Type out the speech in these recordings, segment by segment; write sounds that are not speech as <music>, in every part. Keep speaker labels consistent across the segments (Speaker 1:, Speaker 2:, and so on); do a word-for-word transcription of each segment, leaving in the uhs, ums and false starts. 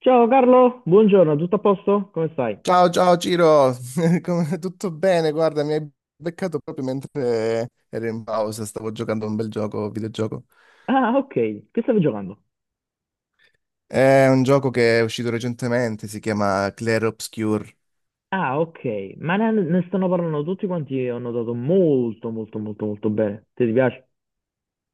Speaker 1: Ciao Carlo, buongiorno, tutto a posto? Come stai?
Speaker 2: Ciao, ciao Ciro, <laughs> Come- tutto bene? Guarda, mi hai beccato proprio mentre ero in pausa, stavo giocando a un bel gioco, videogioco.
Speaker 1: Ah, ok, che stavi giocando?
Speaker 2: È un gioco che è uscito recentemente, si chiama Clair Obscure.
Speaker 1: Ah, ok, ma ne, ne stanno parlando tutti quanti, ho notato molto, molto, molto, molto bene. Ti piace?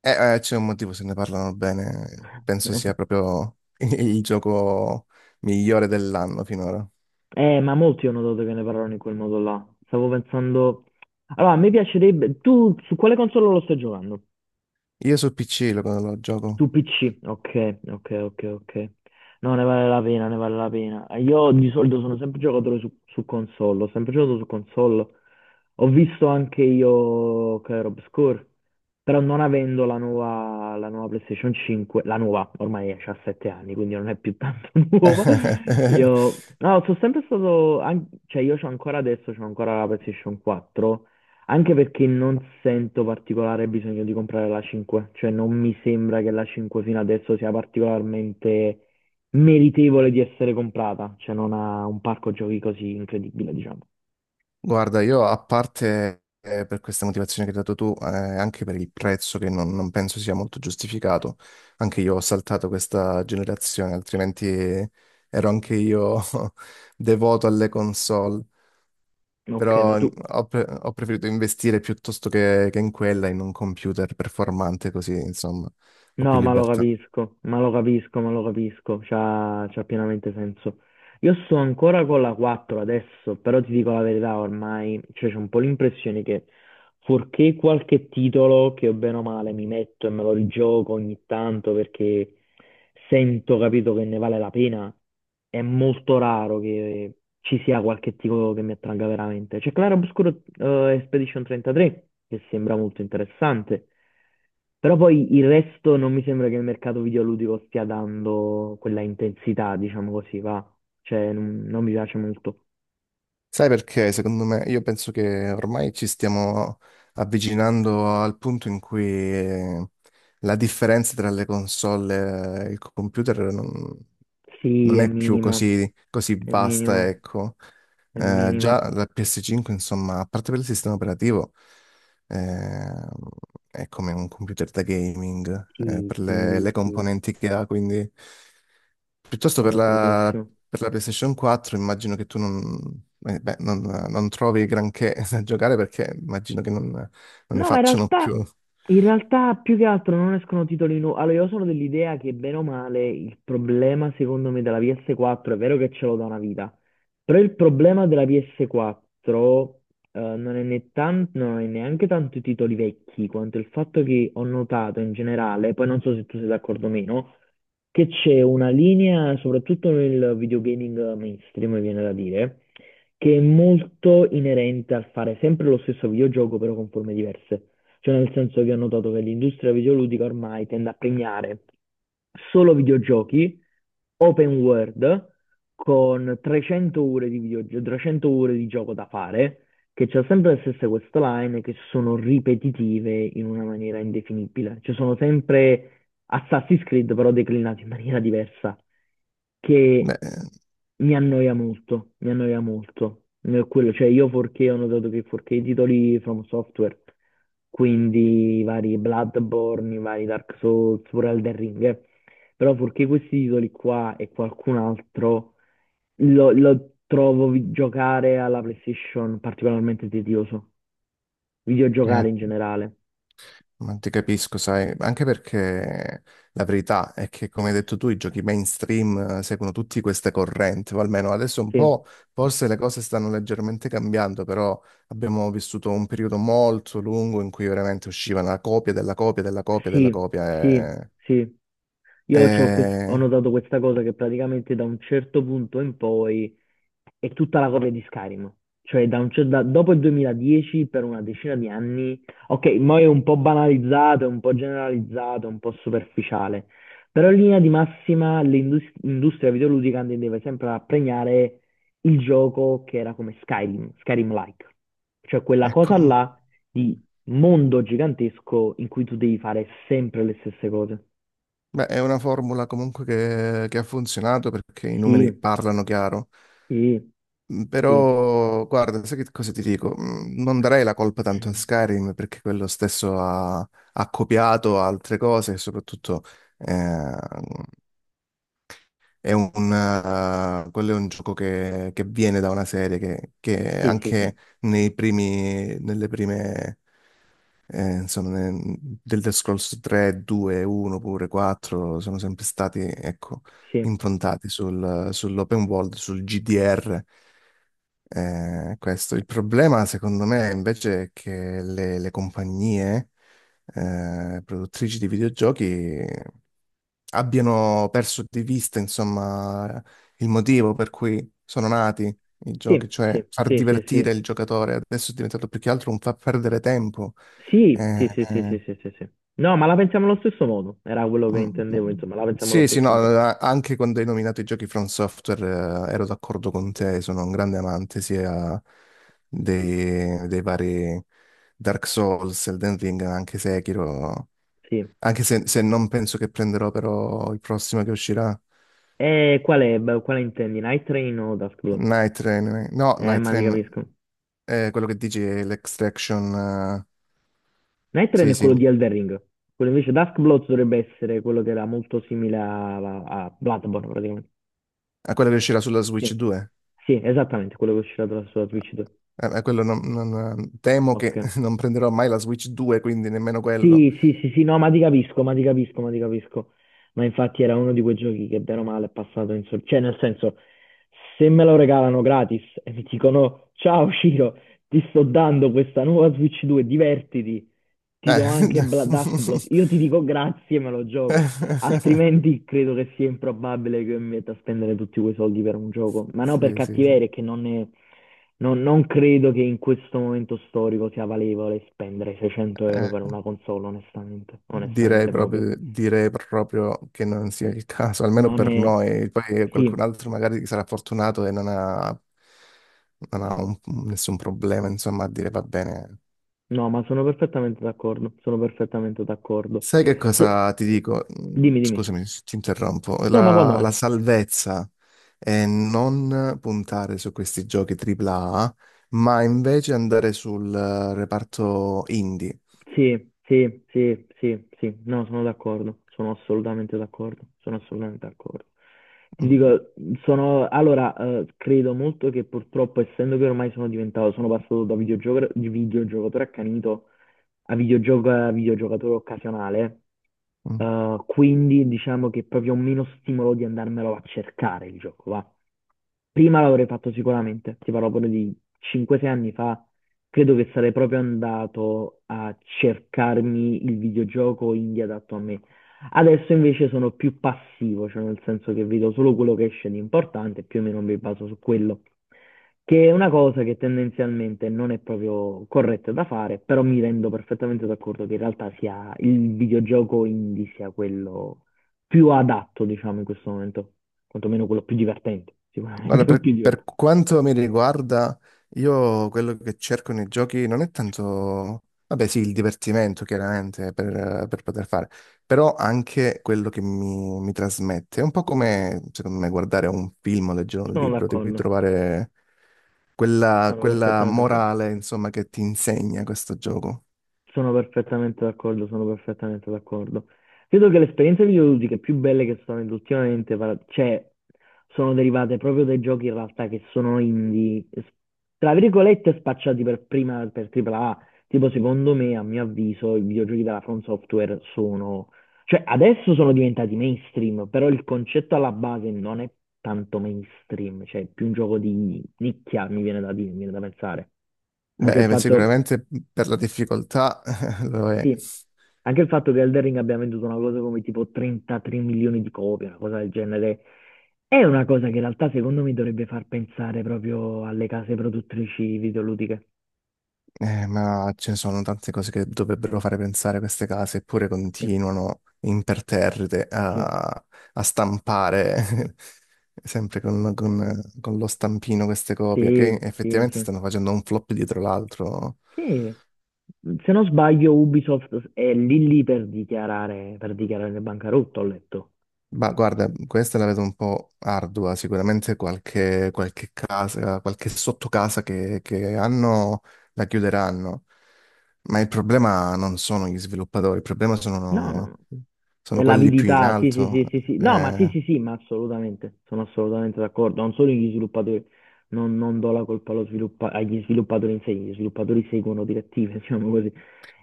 Speaker 2: Eh, eh, c'è un motivo se ne parlano bene, penso
Speaker 1: <laughs>
Speaker 2: sia proprio <laughs> il gioco migliore dell'anno finora.
Speaker 1: Eh, ma molti ho notato che ne parlano in quel modo là. Stavo pensando... Allora, a me piacerebbe... Tu su quale console lo stai giocando?
Speaker 2: Io su P C lo, lo gioco.
Speaker 1: Su P C? Ok, ok, ok, ok. No, ne vale la pena, ne vale la pena. Io di solito sono sempre giocatore su, su console, ho sempre giocato su console. Ho visto anche io Clair Obscur, però non avendo la nuova, la nuova PlayStation cinque, la nuova ormai ha sette anni, quindi non è più tanto <laughs> nuova.
Speaker 2: <laughs>
Speaker 1: Io, no, sono sempre stato, an- cioè io c'ho ancora adesso, c'ho ancora la PlayStation quattro, anche perché non sento particolare bisogno di comprare la cinque, cioè non mi sembra che la cinque fino adesso sia particolarmente meritevole di essere comprata, cioè non ha un parco giochi così incredibile, diciamo.
Speaker 2: Guarda, io a parte eh, per questa motivazione che hai dato tu, eh, anche per il prezzo che non, non penso sia molto giustificato, anche io ho saltato questa generazione, altrimenti ero anche io <laughs> devoto alle console,
Speaker 1: Ok, ma
Speaker 2: però mm,
Speaker 1: tu.
Speaker 2: ho, pre- ho preferito investire piuttosto che, che in quella, in un computer performante, così insomma ho più
Speaker 1: No, ma lo
Speaker 2: libertà.
Speaker 1: capisco, ma lo capisco, ma lo capisco, c'ha, c'ha pienamente senso. Io sto ancora con la quattro adesso, però ti dico la verità ormai, cioè c'è un po' l'impressione che fuorché qualche titolo che o bene o male mi metto e me lo rigioco ogni tanto perché sento, capito, che ne vale la pena, è molto raro che ci sia qualche titolo che mi attragga veramente. C'è Claro Obscuro eh, Expedition trentatré, che sembra molto interessante, però poi il resto non mi sembra che il mercato videoludico stia dando quella intensità, diciamo così, va. Cioè, non non mi piace molto.
Speaker 2: Sai perché? Secondo me, io penso che ormai ci stiamo avvicinando al punto in cui eh, la differenza tra le console e il computer non,
Speaker 1: Sì,
Speaker 2: non
Speaker 1: è
Speaker 2: è più
Speaker 1: minima,
Speaker 2: così, così
Speaker 1: è
Speaker 2: vasta,
Speaker 1: minima,
Speaker 2: ecco.
Speaker 1: è
Speaker 2: Eh,
Speaker 1: minima.
Speaker 2: già la P S cinque, insomma, a parte per il sistema operativo, eh, è come un computer da gaming, eh,
Speaker 1: Sì,
Speaker 2: per le, le
Speaker 1: sì, sì,
Speaker 2: componenti che ha, quindi piuttosto
Speaker 1: sono
Speaker 2: per la,
Speaker 1: d'accordissimo.
Speaker 2: per la PlayStation quattro immagino che tu non, eh, beh, non- non trovi granché <laughs> da giocare perché immagino che non, non ne
Speaker 1: No, ma in
Speaker 2: facciano più.
Speaker 1: realtà, in realtà più che altro non escono titoli nuovi. Allora, io sono dell'idea che bene o male il problema, secondo me, della P S quattro è vero che ce l'ho da una vita, però il problema della P S quattro eh, non è né tan- non è neanche tanto i titoli vecchi, quanto il fatto che ho notato in generale, poi non so se tu sei d'accordo o meno, che c'è una linea, soprattutto nel videogaming mainstream, mi viene da dire. che è molto inerente al fare sempre lo stesso videogioco però con forme diverse. Cioè nel senso che ho notato che l'industria videoludica ormai tende a premiare solo videogiochi open world con trecento ore di videogioco, trecento ore di gioco da fare, che c'è sempre le stesse questline che sono ripetitive in una maniera indefinibile. Ci sono sempre Assassin's Creed però declinato in maniera diversa, che
Speaker 2: Beh,
Speaker 1: mi annoia molto, mi annoia molto. Eh, Quello, cioè io quattro K ho notato che quattro K i titoli From Software, quindi i vari Bloodborne, i vari Dark Souls, pure Elden Ring, eh. Però quattro K questi titoli qua e qualcun altro lo, lo trovo vi- giocare alla PlayStation particolarmente tedioso,
Speaker 2: eh,
Speaker 1: videogiocare in generale.
Speaker 2: ma ti capisco, sai, anche perché la verità è che, come hai detto tu, i giochi mainstream eh, seguono tutte queste correnti, o almeno adesso un
Speaker 1: Sì.
Speaker 2: po', forse le cose stanno leggermente cambiando, però abbiamo vissuto un periodo molto lungo in cui veramente usciva una copia della copia della copia della
Speaker 1: Sì,
Speaker 2: copia
Speaker 1: sì,
Speaker 2: e...
Speaker 1: sì. Io c'ho quest- ho
Speaker 2: e-
Speaker 1: notato questa cosa che praticamente da un certo punto in poi è tutta la copia di Skyrim. Cioè, da un cer- da- dopo il duemiladieci, per una decina di anni, ok, mo è un po' banalizzato, è un po' generalizzato, è un po' superficiale, però in linea di massima l'indus- l'industria videoludica tendeva sempre a premiare il gioco che era come Skyrim, Skyrim-like, cioè quella cosa
Speaker 2: ecco,
Speaker 1: là di mondo gigantesco in cui tu devi fare sempre le stesse cose.
Speaker 2: beh, è una formula comunque che, che ha funzionato perché i numeri
Speaker 1: Sì,
Speaker 2: parlano chiaro.
Speaker 1: sì,
Speaker 2: Mm,
Speaker 1: sì,
Speaker 2: Però, guarda, sai che cosa ti dico? Mm, Non darei la colpa tanto a Skyrim perché quello stesso ha, ha copiato altre cose e soprattutto eh, è un, eh, quello è un gioco che, che viene da una serie che, che
Speaker 1: sì, sì, sì,
Speaker 2: anche
Speaker 1: sì,
Speaker 2: nei primi, nelle prime, eh, insomma, ne- Elder Scrolls tre, due, uno, pure quattro sono sempre stati, ecco,
Speaker 1: sì,
Speaker 2: improntati sul- sull'open world, sul G D R. Eh, questo. Il problema, secondo me, invece, è che le, le compagnie eh, produttrici di videogiochi abbiano perso di vista, insomma, il motivo per cui sono nati i giochi,
Speaker 1: sì, sì,
Speaker 2: cioè far divertire
Speaker 1: sì,
Speaker 2: il giocatore. Adesso è diventato più che altro un far perdere tempo.
Speaker 1: sì,
Speaker 2: Eh,
Speaker 1: sì, sì, sì, sì,
Speaker 2: eh,
Speaker 1: sì, sì, sì. sì. No, ma la pensiamo allo stesso modo, era quello che
Speaker 2: Mm, mm.
Speaker 1: intendevo, insomma, la pensiamo allo
Speaker 2: Sì, sì,
Speaker 1: stesso
Speaker 2: no,
Speaker 1: modo,
Speaker 2: a- anche quando hai nominato i giochi From Software, eh, ero d'accordo con te, sono un grande amante sia dei, dei vari Dark Souls, Elden Ring, anche Sekiro,
Speaker 1: sì.
Speaker 2: anche se, se non penso che prenderò però il prossimo che uscirà,
Speaker 1: E qual è, beh, quale intendi, Night Train o Dusk Blood?
Speaker 2: Night Train, eh, no,
Speaker 1: Eh,
Speaker 2: Night
Speaker 1: ma ti
Speaker 2: Train,
Speaker 1: capisco.
Speaker 2: è quello che dici è l'Extraction, eh,
Speaker 1: Night Train
Speaker 2: sì,
Speaker 1: è
Speaker 2: sì,
Speaker 1: quello di Elden Ring, quello invece Dusk Blood dovrebbe essere quello che era molto simile a, a Bloodborne, praticamente.
Speaker 2: è quello che uscirà sulla
Speaker 1: Sì,
Speaker 2: Switch due.
Speaker 1: Sì, esattamente, quello che uscirà dalla- sulla Switch due.
Speaker 2: Eh, eh, quello non- non- Temo
Speaker 1: Ok.
Speaker 2: che <laughs> non prenderò mai la Switch due, quindi nemmeno quello.
Speaker 1: Sì, sì, sì, sì, no, ma ti capisco, ma ti capisco, ma ti capisco. Ma infatti era uno di quei giochi che bene o male è passato in sordina. Cioè, nel senso, se me lo regalano gratis <laughs> e mi dicono, ciao Ciro, ti sto dando questa nuova Switch due, divertiti, ti
Speaker 2: Eh,
Speaker 1: do anche Bla-
Speaker 2: <laughs>
Speaker 1: Dusk Blood. Io ti dico grazie e me lo gioco. Altrimenti credo che sia improbabile che mi metta a spendere tutti quei soldi per un gioco. Ma no, per
Speaker 2: Sì, sì, sì.
Speaker 1: cattiveria, è che non ne. Non, non credo che in questo momento storico sia valevole spendere seicento euro
Speaker 2: Eh,
Speaker 1: per una console, onestamente,
Speaker 2: Direi
Speaker 1: onestamente proprio.
Speaker 2: proprio, direi proprio che non sia il caso, almeno
Speaker 1: Non
Speaker 2: per
Speaker 1: è...
Speaker 2: noi. Poi qualcun
Speaker 1: Sì,
Speaker 2: altro magari sarà fortunato e non ha, non ha un- nessun problema, insomma, a dire va bene.
Speaker 1: no, ma sono perfettamente d'accordo, sono perfettamente d'accordo.
Speaker 2: Sai che
Speaker 1: So-
Speaker 2: cosa ti dico? Mm,
Speaker 1: Dimmi, dimmi.
Speaker 2: Scusami, se ti interrompo.
Speaker 1: No, ma quando
Speaker 2: La, la
Speaker 1: mai?
Speaker 2: salvezza è non puntare su questi giochi A A A, ma invece andare sul eh, reparto indie.
Speaker 1: Sì, sì, sì, sì, sì, no, sono d'accordo, sono assolutamente d'accordo, sono assolutamente d'accordo. Ti
Speaker 2: Mm,
Speaker 1: dico, sono, allora, eh, credo molto che purtroppo, essendo che ormai sono diventato, sono passato da videogioco- videogiocatore accanito a videogioco- a videogiocatore occasionale,
Speaker 2: mm.
Speaker 1: eh, quindi diciamo che proprio ho meno stimolo di andarmelo a cercare il gioco, va. Prima l'avrei fatto sicuramente, ti parlo pure di cinque sei anni fa, Credo che sarei proprio andato a cercarmi il videogioco indie adatto a me. Adesso invece sono più passivo, cioè nel senso che vedo solo quello che esce di importante e più o meno mi baso su quello, che è una cosa che tendenzialmente non è proprio corretta da fare, però mi rendo perfettamente d'accordo che in realtà sia il videogioco indie sia quello più adatto, diciamo, in questo momento, quantomeno quello più divertente, sicuramente
Speaker 2: Guarda,
Speaker 1: <laughs>
Speaker 2: per,
Speaker 1: più
Speaker 2: per
Speaker 1: divertente.
Speaker 2: quanto mi riguarda, io quello che cerco nei giochi non è tanto, vabbè sì, il divertimento chiaramente per, per poter fare, però anche quello che mi, mi trasmette. È un po' come, secondo me, guardare un film o leggere un
Speaker 1: Sono
Speaker 2: libro, devi
Speaker 1: d'accordo,
Speaker 2: trovare quella,
Speaker 1: sono
Speaker 2: quella
Speaker 1: perfettamente d'accordo.
Speaker 2: morale, insomma, che ti insegna questo gioco.
Speaker 1: Sono perfettamente d'accordo, sono perfettamente d'accordo. Credo che le esperienze videoludiche più belle che sono venute ultimamente, par- cioè, sono derivate proprio dai giochi in realtà che sono indie, s- tra virgolette spacciati per prima per tripla A. Tipo, secondo me, a mio avviso, i videogiochi della From Software sono, cioè, adesso sono diventati mainstream, però il concetto alla base non è tanto mainstream, cioè, è più un gioco di nicchia, mi viene da dire, mi viene da pensare. Anche il
Speaker 2: Beh,
Speaker 1: fatto
Speaker 2: sicuramente per la difficoltà <laughs> lo è.
Speaker 1: sì, anche il fatto che Elden Ring abbia venduto una cosa come tipo trentatré milioni di copie, una cosa del genere, è una cosa che in realtà secondo me dovrebbe far pensare proprio alle case produttrici videoludiche.
Speaker 2: Eh, ma ce ne sono tante cose che dovrebbero fare pensare queste case, eppure
Speaker 1: Sì,
Speaker 2: continuano imperterrite
Speaker 1: sì,
Speaker 2: a, a stampare <laughs> sempre con, con- con lo stampino queste copie,
Speaker 1: sì,
Speaker 2: che
Speaker 1: sì,
Speaker 2: effettivamente
Speaker 1: sì.
Speaker 2: stanno facendo un flop dietro l'altro.
Speaker 1: Sì. Se non sbaglio, Ubisoft è lì lì per dichiarare, per dichiarare bancarotto, ho letto.
Speaker 2: Ma guarda, questa la vedo un po' ardua, sicuramente qualche, qualche casa, qualche sottocasa che, che hanno la chiuderanno. Ma il problema non sono gli sviluppatori, il problema
Speaker 1: No, no,
Speaker 2: sono,
Speaker 1: no. È
Speaker 2: sono quelli più in
Speaker 1: l'avidità, sì, sì,
Speaker 2: alto.
Speaker 1: sì, sì, sì. No, ma sì,
Speaker 2: eh.
Speaker 1: sì, sì, ma assolutamente, sono assolutamente d'accordo. Non solo gli sviluppatori, non, non do la colpa allo sviluppa- agli sviluppatori in sé, gli sviluppatori seguono direttive, <laughs> diciamo così.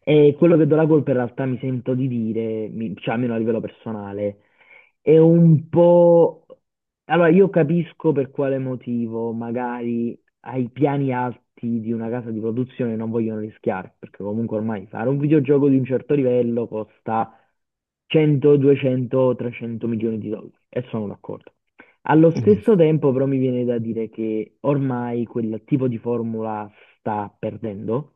Speaker 1: E quello che do la colpa in realtà mi sento di dire, mi- cioè almeno a livello personale, è un po'... Allora, io capisco per quale motivo magari ai piani alti di una casa di produzione non vogliono rischiare, perché comunque ormai fare un videogioco di un certo livello costa cento, duecento, trecento milioni di dollari e sono d'accordo. Allo stesso tempo però mi viene da dire che ormai quel tipo di formula sta perdendo,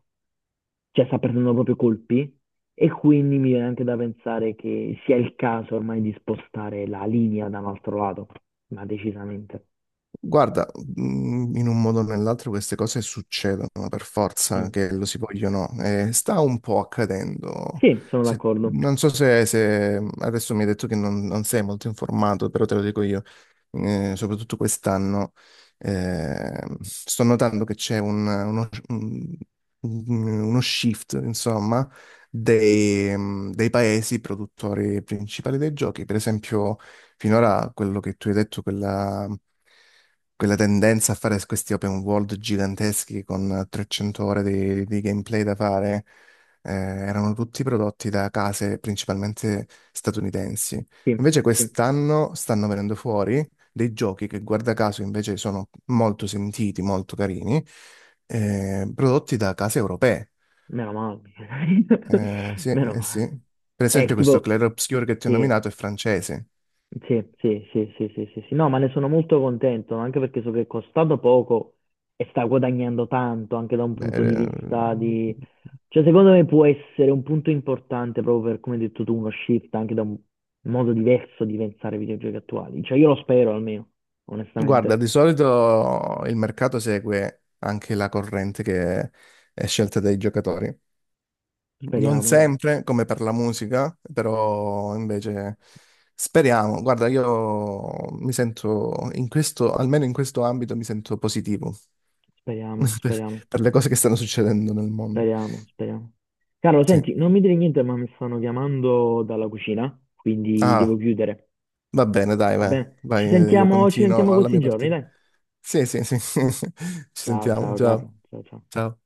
Speaker 1: cioè sta perdendo proprio colpi e quindi mi viene anche da pensare che sia il caso ormai di spostare la linea da un altro lato, ma decisamente.
Speaker 2: Guarda, mh, in un modo o nell'altro queste cose succedono per forza,
Speaker 1: Mm.
Speaker 2: che lo si vogliono, o no, e sta un po' accadendo.
Speaker 1: Sì, sono
Speaker 2: Se-
Speaker 1: d'accordo.
Speaker 2: non so se, se- adesso mi hai detto che non, non sei molto informato, però te lo dico io. Eh, soprattutto quest'anno, eh, sto notando che c'è un- uno, un- uno shift, insomma, dei, mm, dei paesi produttori principali dei giochi. Per esempio, finora quello che tu hai detto, quella quella tendenza a fare questi open world giganteschi con trecento ore di, di gameplay da fare, eh, erano tutti prodotti da case principalmente statunitensi.
Speaker 1: Sì,
Speaker 2: Invece
Speaker 1: sì.
Speaker 2: quest'anno stanno venendo fuori dei giochi che, guarda caso, invece sono molto sentiti, molto carini, eh, prodotti da case europee.
Speaker 1: Meno male. <laughs>
Speaker 2: Eh, sì,
Speaker 1: Meno
Speaker 2: eh
Speaker 1: male.
Speaker 2: sì. Per
Speaker 1: È
Speaker 2: esempio questo
Speaker 1: tipo,
Speaker 2: Clair Obscur che ti ho
Speaker 1: sì,
Speaker 2: nominato è francese.
Speaker 1: sì, sì, sì, sì, sì, sì, sì. No, ma ne sono molto contento, anche perché so che è costato poco e sta guadagnando tanto, anche da un
Speaker 2: Beh,
Speaker 1: punto di
Speaker 2: eh,
Speaker 1: vista di... Cioè, secondo me può essere un punto importante proprio per, come hai detto tu, uno shift anche da un modo diverso di pensare ai videogiochi attuali. Cioè, io lo spero almeno,
Speaker 2: guarda,
Speaker 1: onestamente.
Speaker 2: di solito il mercato segue anche la corrente che è scelta dai giocatori. Non
Speaker 1: Speriamo, dai.
Speaker 2: sempre, come per la musica, però invece speriamo. Guarda, io mi sento in questo, almeno in questo ambito, mi sento positivo <laughs>
Speaker 1: speriamo,
Speaker 2: per,
Speaker 1: speriamo.
Speaker 2: per le cose che stanno succedendo nel mondo.
Speaker 1: Speriamo, speriamo. Carlo,
Speaker 2: Sì.
Speaker 1: senti, non mi dire niente, ma mi stanno chiamando dalla cucina, quindi devo
Speaker 2: Ah,
Speaker 1: chiudere.
Speaker 2: va bene, dai,
Speaker 1: Va
Speaker 2: vai,
Speaker 1: bene? Ci
Speaker 2: vai, io
Speaker 1: sentiamo, ci sentiamo
Speaker 2: continuo la
Speaker 1: questi
Speaker 2: mia
Speaker 1: giorni,
Speaker 2: partita.
Speaker 1: dai.
Speaker 2: Sì, sì, sì. <laughs> Ci
Speaker 1: Ciao,
Speaker 2: sentiamo,
Speaker 1: ciao,
Speaker 2: ciao.
Speaker 1: Carlo. Ciao, ciao.
Speaker 2: Ciao.